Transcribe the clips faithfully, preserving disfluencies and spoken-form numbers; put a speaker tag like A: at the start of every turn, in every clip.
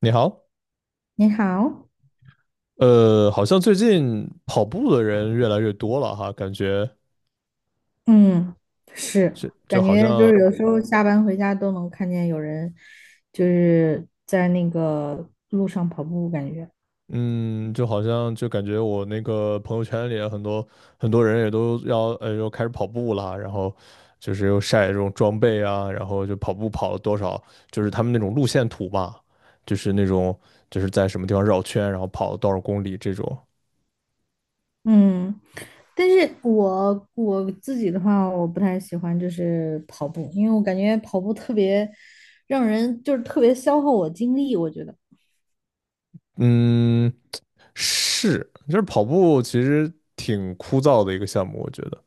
A: 你好，
B: 你好，
A: 呃，好像最近跑步的人越来越多了哈，感觉
B: 嗯，是，
A: 就就
B: 感
A: 好
B: 觉就
A: 像，
B: 是有时候下班回家都能看见有人就是在那个路上跑步，感觉，
A: 嗯，就好像就感觉我那个朋友圈里啊很多很多人也都要，呃，又开始跑步啦，然后就是又晒这种装备啊，然后就跑步跑了多少，就是他们那种路线图嘛，就是那种就是在什么地方绕圈，然后跑了多少公里这种，
B: 嗯，但是我我自己的话，我不太喜欢就是跑步，因为我感觉跑步特别让人就是特别消耗我精力，我觉得。
A: 嗯，是，就是跑步其实挺枯燥的一个项目，我觉得。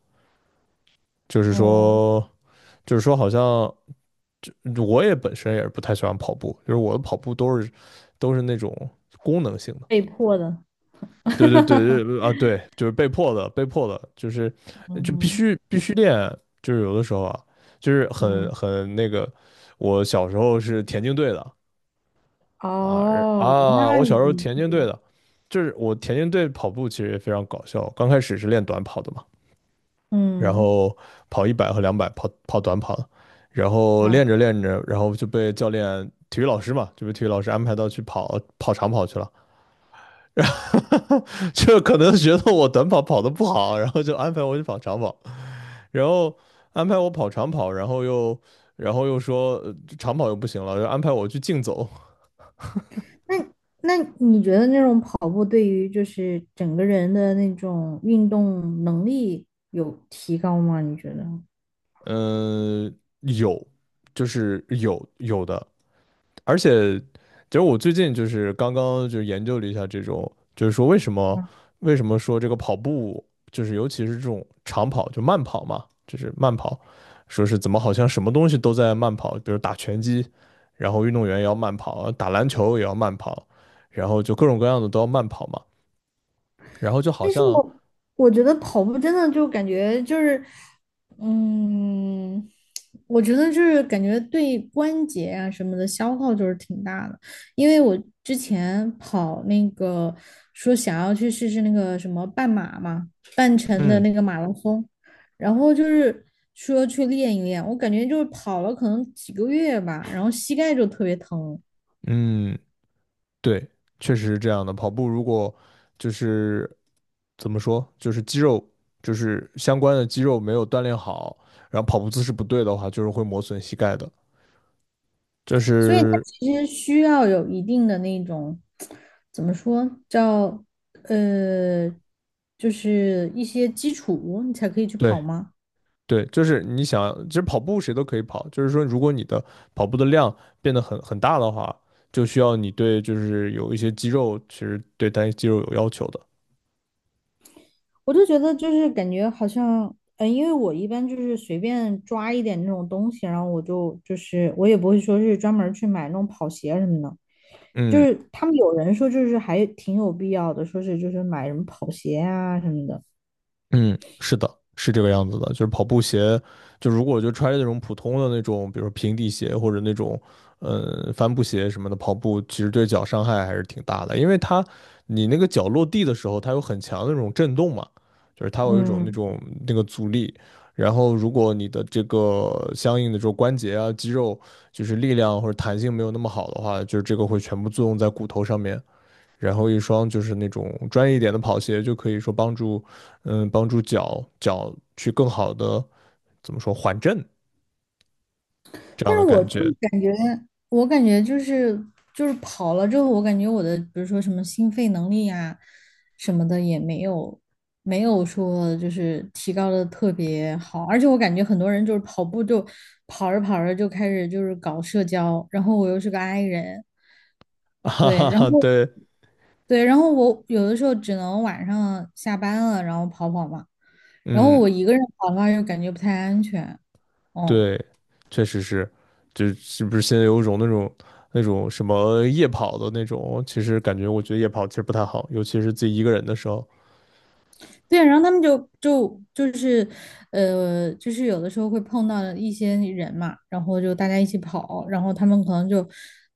A: 就是
B: 哦，
A: 说，就是说，好像就我也本身也是不太喜欢跑步，就是我的跑步都是都是那种功能性的。
B: 被迫的。
A: 对对对 对啊，对，就是被迫的，被迫的，就是就必
B: 嗯
A: 须必须练，就是有的时候啊，就是
B: 嗯。
A: 很很那个，我小时候是田径队的啊而
B: 哦，
A: 啊，
B: 那
A: 我小时候
B: 你
A: 田
B: 这
A: 径队
B: 个
A: 的，就是我田径队跑步其实也非常搞笑，刚开始是练短跑的嘛。然
B: 嗯
A: 后跑一百和两百，跑跑短跑，然后练
B: 啊。
A: 着练着，然后就被教练、体育老师嘛，就被体育老师安排到去跑跑长跑去了。就可能觉得我短跑跑得不好，然后就安排我去跑长跑，然后安排我跑长跑，然后又然后又说呃长跑又不行了，就安排我去竞走。
B: 那那你觉得那种跑步对于就是整个人的那种运动能力有提高吗？你觉得？
A: 嗯、有，就是有有的。而且，其实我最近就是刚刚就研究了一下这种，就是说为什么为什么说这个跑步，就是尤其是这种长跑，就慢跑嘛，就是慢跑，说是怎么好像什么东西都在慢跑，比如打拳击，然后运动员也要慢跑，打篮球也要慢跑，然后就各种各样的都要慢跑嘛，然后就好
B: 但是
A: 像，
B: 我我觉得跑步真的就感觉就是，嗯，我觉得就是感觉对关节啊什么的消耗就是挺大的，因为我之前跑那个，说想要去试试那个什么半马嘛，半程的
A: 嗯
B: 那个马拉松，然后就是说去练一练，我感觉就是跑了可能几个月吧，然后膝盖就特别疼。
A: 嗯，对，确实是这样的。跑步如果就是怎么说，就是肌肉就是相关的肌肉没有锻炼好，然后跑步姿势不对的话，就是会磨损膝盖的。就
B: 所以它
A: 是
B: 其实需要有一定的那种，怎么说，叫呃，就是一些基础，你才可以去
A: 对
B: 跑吗？
A: 对，就是你想，其实跑步谁都可以跑，就是说如果你的跑步的量变得很很大的话，就需要你对就是有一些肌肉，其实对单一肌肉有要求的。
B: 我就觉得就是感觉好像，呃，因为我一般就是随便抓一点那种东西，然后我就就是我也不会说是专门儿去买那种跑鞋什么的，就
A: 嗯。
B: 是他们有人说就是还挺有必要的，说是就是买什么跑鞋啊什么的。
A: 嗯，是的，是这个样子的，就是跑步鞋，就如果就穿着那种普通的那种，比如说平底鞋或者那种，呃，帆布鞋什么的，跑步其实对脚伤害还是挺大的，因为它你那个脚落地的时候，它有很强的那种震动嘛，就是它有一种那
B: 嗯。
A: 种那个阻力，然后如果你的这个相应的这种关节啊、肌肉就是力量或者弹性没有那么好的话，就是这个会全部作用在骨头上面，然后一双就是那种专业一点的跑鞋，就可以说帮助，嗯，帮助脚脚去更好的怎么说缓震这样
B: 但是
A: 的
B: 我
A: 感
B: 就
A: 觉。
B: 感觉，我感觉就是就是跑了之后，我感觉我的比如说什么心肺能力呀、什么的也没有没有说就是提高的特别好，而且我感觉很多人就是跑步就跑着跑着就开始就是搞社交，然后我又是个 i 人。
A: 哈
B: 对。
A: 哈
B: 然
A: 哈，
B: 后
A: 对，
B: 对，然后我有的时候只能晚上下班了然后跑跑嘛，然后
A: 嗯，
B: 我一个人跑的话又感觉不太安全。嗯。
A: 对，确实是，就是不是现在有一种那种那种什么夜跑的那种，其实感觉我觉得夜跑其实不太好，尤其是自己一个人的时候。
B: 对，然后他们就就就是，呃，就是有的时候会碰到一些人嘛，然后就大家一起跑，然后他们可能就，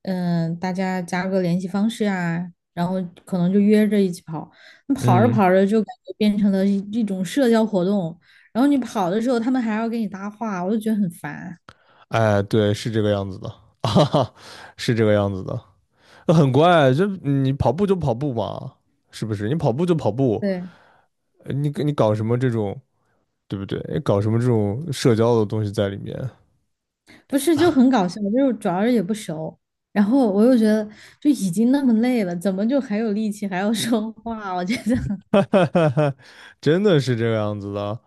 B: 嗯、大家加个联系方式啊，然后可能就约着一起跑。那跑着
A: 嗯，
B: 跑着就感觉变成了一一种社交活动，然后你跑的时候他们还要给你搭话，我就觉得很烦。
A: 哎，对，是这个样子的，哈哈，是这个样子的。那很乖。就你跑步就跑步嘛，是不是？你跑步就跑步，
B: 对，
A: 呃你你搞什么这种，对不对？哎搞什么这种社交的东西在里面？
B: 不是就很搞笑，就是主要是也不熟，然后我又觉得就已经那么累了，怎么就还有力气还要说话？我觉得。
A: 真的是这个样子的。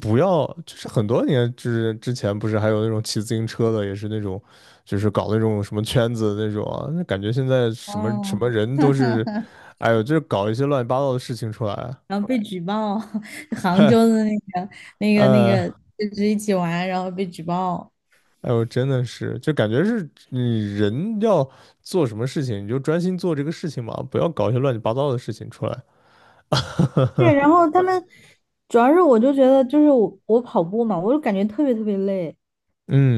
A: 不要，就是很多年就是之前，不是还有那种骑自行车的，也是那种，就是搞那种什么圈子的那种啊。那感觉现在 什么什么
B: 哦。
A: 人都是，哎呦，就是搞一些乱七八糟的事情出来。
B: 然后被举报。杭州 的那个、那个、那
A: 呃，
B: 个，就是一起玩，然后被举报。
A: 哎呦，真的是，就感觉是你人要做什么事情，你就专心做这个事情嘛，不要搞一些乱七八糟的事情出来。
B: 对，然后他们主要是我就觉得就是我我跑步嘛，我就感觉特别特别累，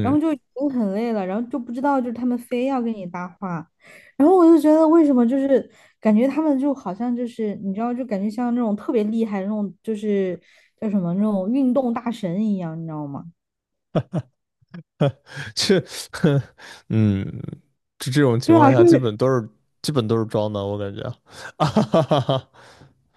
B: 然后就已经很累了，然后就不知道就是他们非要跟你搭话，然后我就觉得为什么就是感觉他们就好像就是你知道就感觉像那种特别厉害那种就是叫什么那种运动大神一样，你知道吗？
A: 这，嗯，就这种情
B: 对
A: 况
B: 啊，
A: 下，
B: 就
A: 基
B: 是
A: 本都是基本都是装的，我感觉，啊哈哈哈，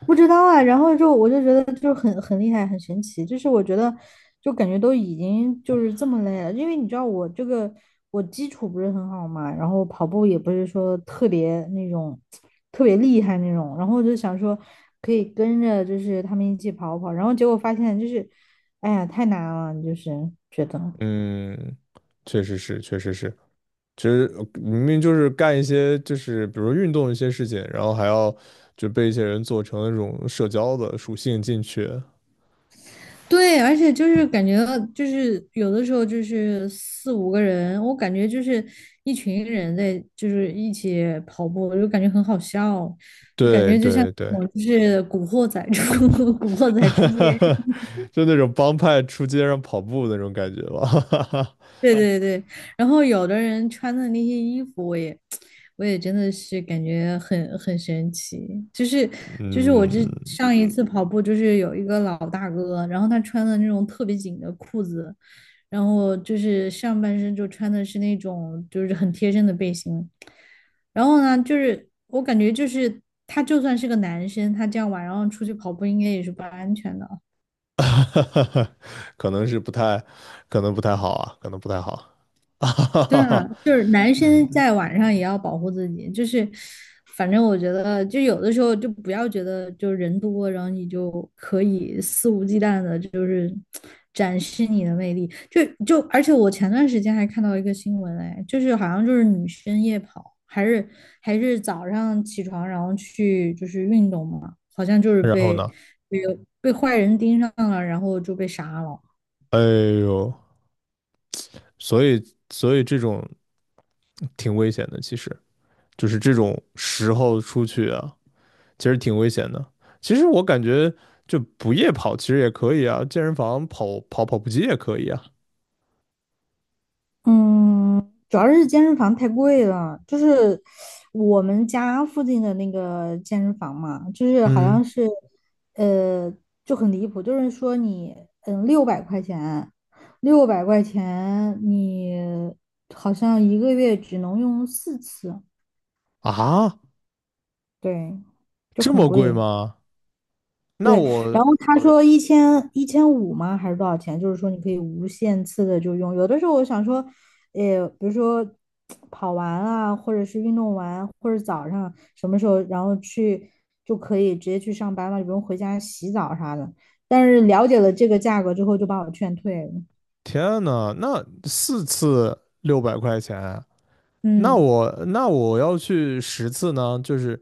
B: 不知道啊，然后就我就觉得就是很很厉害，很神奇，就是我觉得就感觉都已经就是这么累了，因为你知道我这个我基础不是很好嘛，然后跑步也不是说特别那种特别厉害那种，然后我就想说可以跟着就是他们一起跑跑，然后结果发现就是哎呀太难了，就是觉得。
A: 嗯，确实是，确实是，其实呃明明就是干一些就是比如运动一些事情，然后还要就被一些人做成那种社交的属性进去，
B: 对，而且就是感觉到，就是有的时候就是四五个人，我感觉就是一群人在就是一起跑步，我就感觉很好笑，就感
A: 对
B: 觉就像
A: 对对，
B: 我就是古惑仔出 古惑仔出街。
A: 就那种帮派出街上跑步那种感觉吧，
B: 对对对。然后有的人穿的那些衣服，我也，我也真的是感觉很很神奇。就是 就是我这
A: 嗯。
B: 上一次跑步，就是有一个老大哥，然后他穿的那种特别紧的裤子，然后就是上半身就穿的是那种就是很贴身的背心，然后呢，就是我感觉就是他就算是个男生，他这样晚上出去跑步应该也是不安全的。
A: 哈哈，可能是不太，可能不太好啊，可能不太好。啊哈
B: 对
A: 哈
B: 啊，
A: 哈，
B: 就是男生
A: 嗯，
B: 在晚上也要保护自己，就是反正我觉得，就有的时候就不要觉得就人多，然后你就可以肆无忌惮的，就是展示你的魅力。就就而且我前段时间还看到一个新闻，哎，就是好像就是女生夜跑，还是还是早上起床然后去就是运动嘛，好像就是
A: 然后
B: 被
A: 呢？
B: 被被坏人盯上了，然后就被杀了。
A: 哎呦，所以所以这种挺危险的，其实就是这种时候出去啊，其实挺危险的。其实我感觉就不夜跑其实也可以啊，健身房跑跑跑步机也可以啊。
B: 嗯，主要是健身房太贵了，就是我们家附近的那个健身房嘛，就是好
A: 嗯，
B: 像是，呃，就很离谱，就是说你，嗯，六百块钱，六百块钱，你好像一个月只能用四次。
A: 啊，
B: 对，就
A: 这
B: 很
A: 么贵
B: 贵。
A: 吗？那
B: 对，
A: 我
B: 然后他嗯说一千一千五吗？还是多少钱？就是说你可以无限次的就用。有的时候我想说，呃，比如说 跑完啊，或者是运动完，或者早上什么时候，然后去就可以直接去上班了，也不用回家洗澡啥的。但是了解了这个价格之后，就把我劝退了。
A: 天呐，那四次六百块钱，那
B: 嗯。
A: 我那我要去十次呢，就是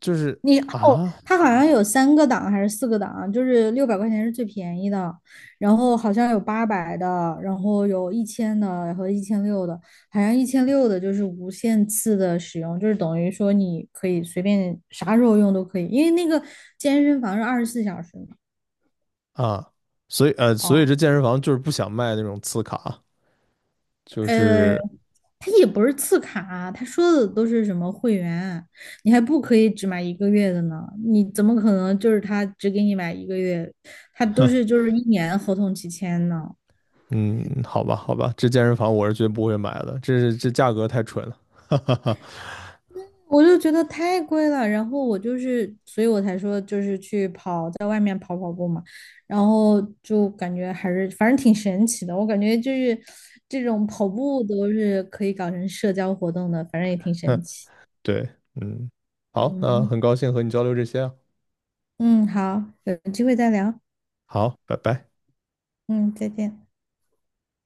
A: 就是
B: 你哦，
A: 啊
B: 它好像有三个档还是四个档，就是六百块钱是最便宜的，然后好像有八百的，然后有一千的和一千六的，好像一千六的就是无限次的使用，就是等于说你可以随便啥时候用都可以，因为那个健身房是二十四小时嘛。
A: 啊，所以呃，所以
B: 哦，
A: 这健身房就是不想卖那种次卡，就
B: 呃，
A: 是
B: 他也不是次卡啊，他说的都是什么会员，你还不可以只买一个月的呢？你怎么可能就是他只给你买一个月？他都是就是一年合同期签呢，
A: 嗯，好吧好吧，这健身房我是绝不会买的，这是这价格太蠢了，哈哈
B: 我就觉得太贵了。然后我就是，所以我才说就是去跑，在外面跑，然后就感觉还是反正挺神奇的。我感觉就是这种跑步都是可以搞成社交活动的，反正也挺
A: 哈，
B: 神奇。
A: 对，嗯，好，那很
B: 嗯
A: 高兴和你交流这些啊，
B: 嗯。好，有机会再聊。
A: 好，拜拜。
B: 嗯，再见。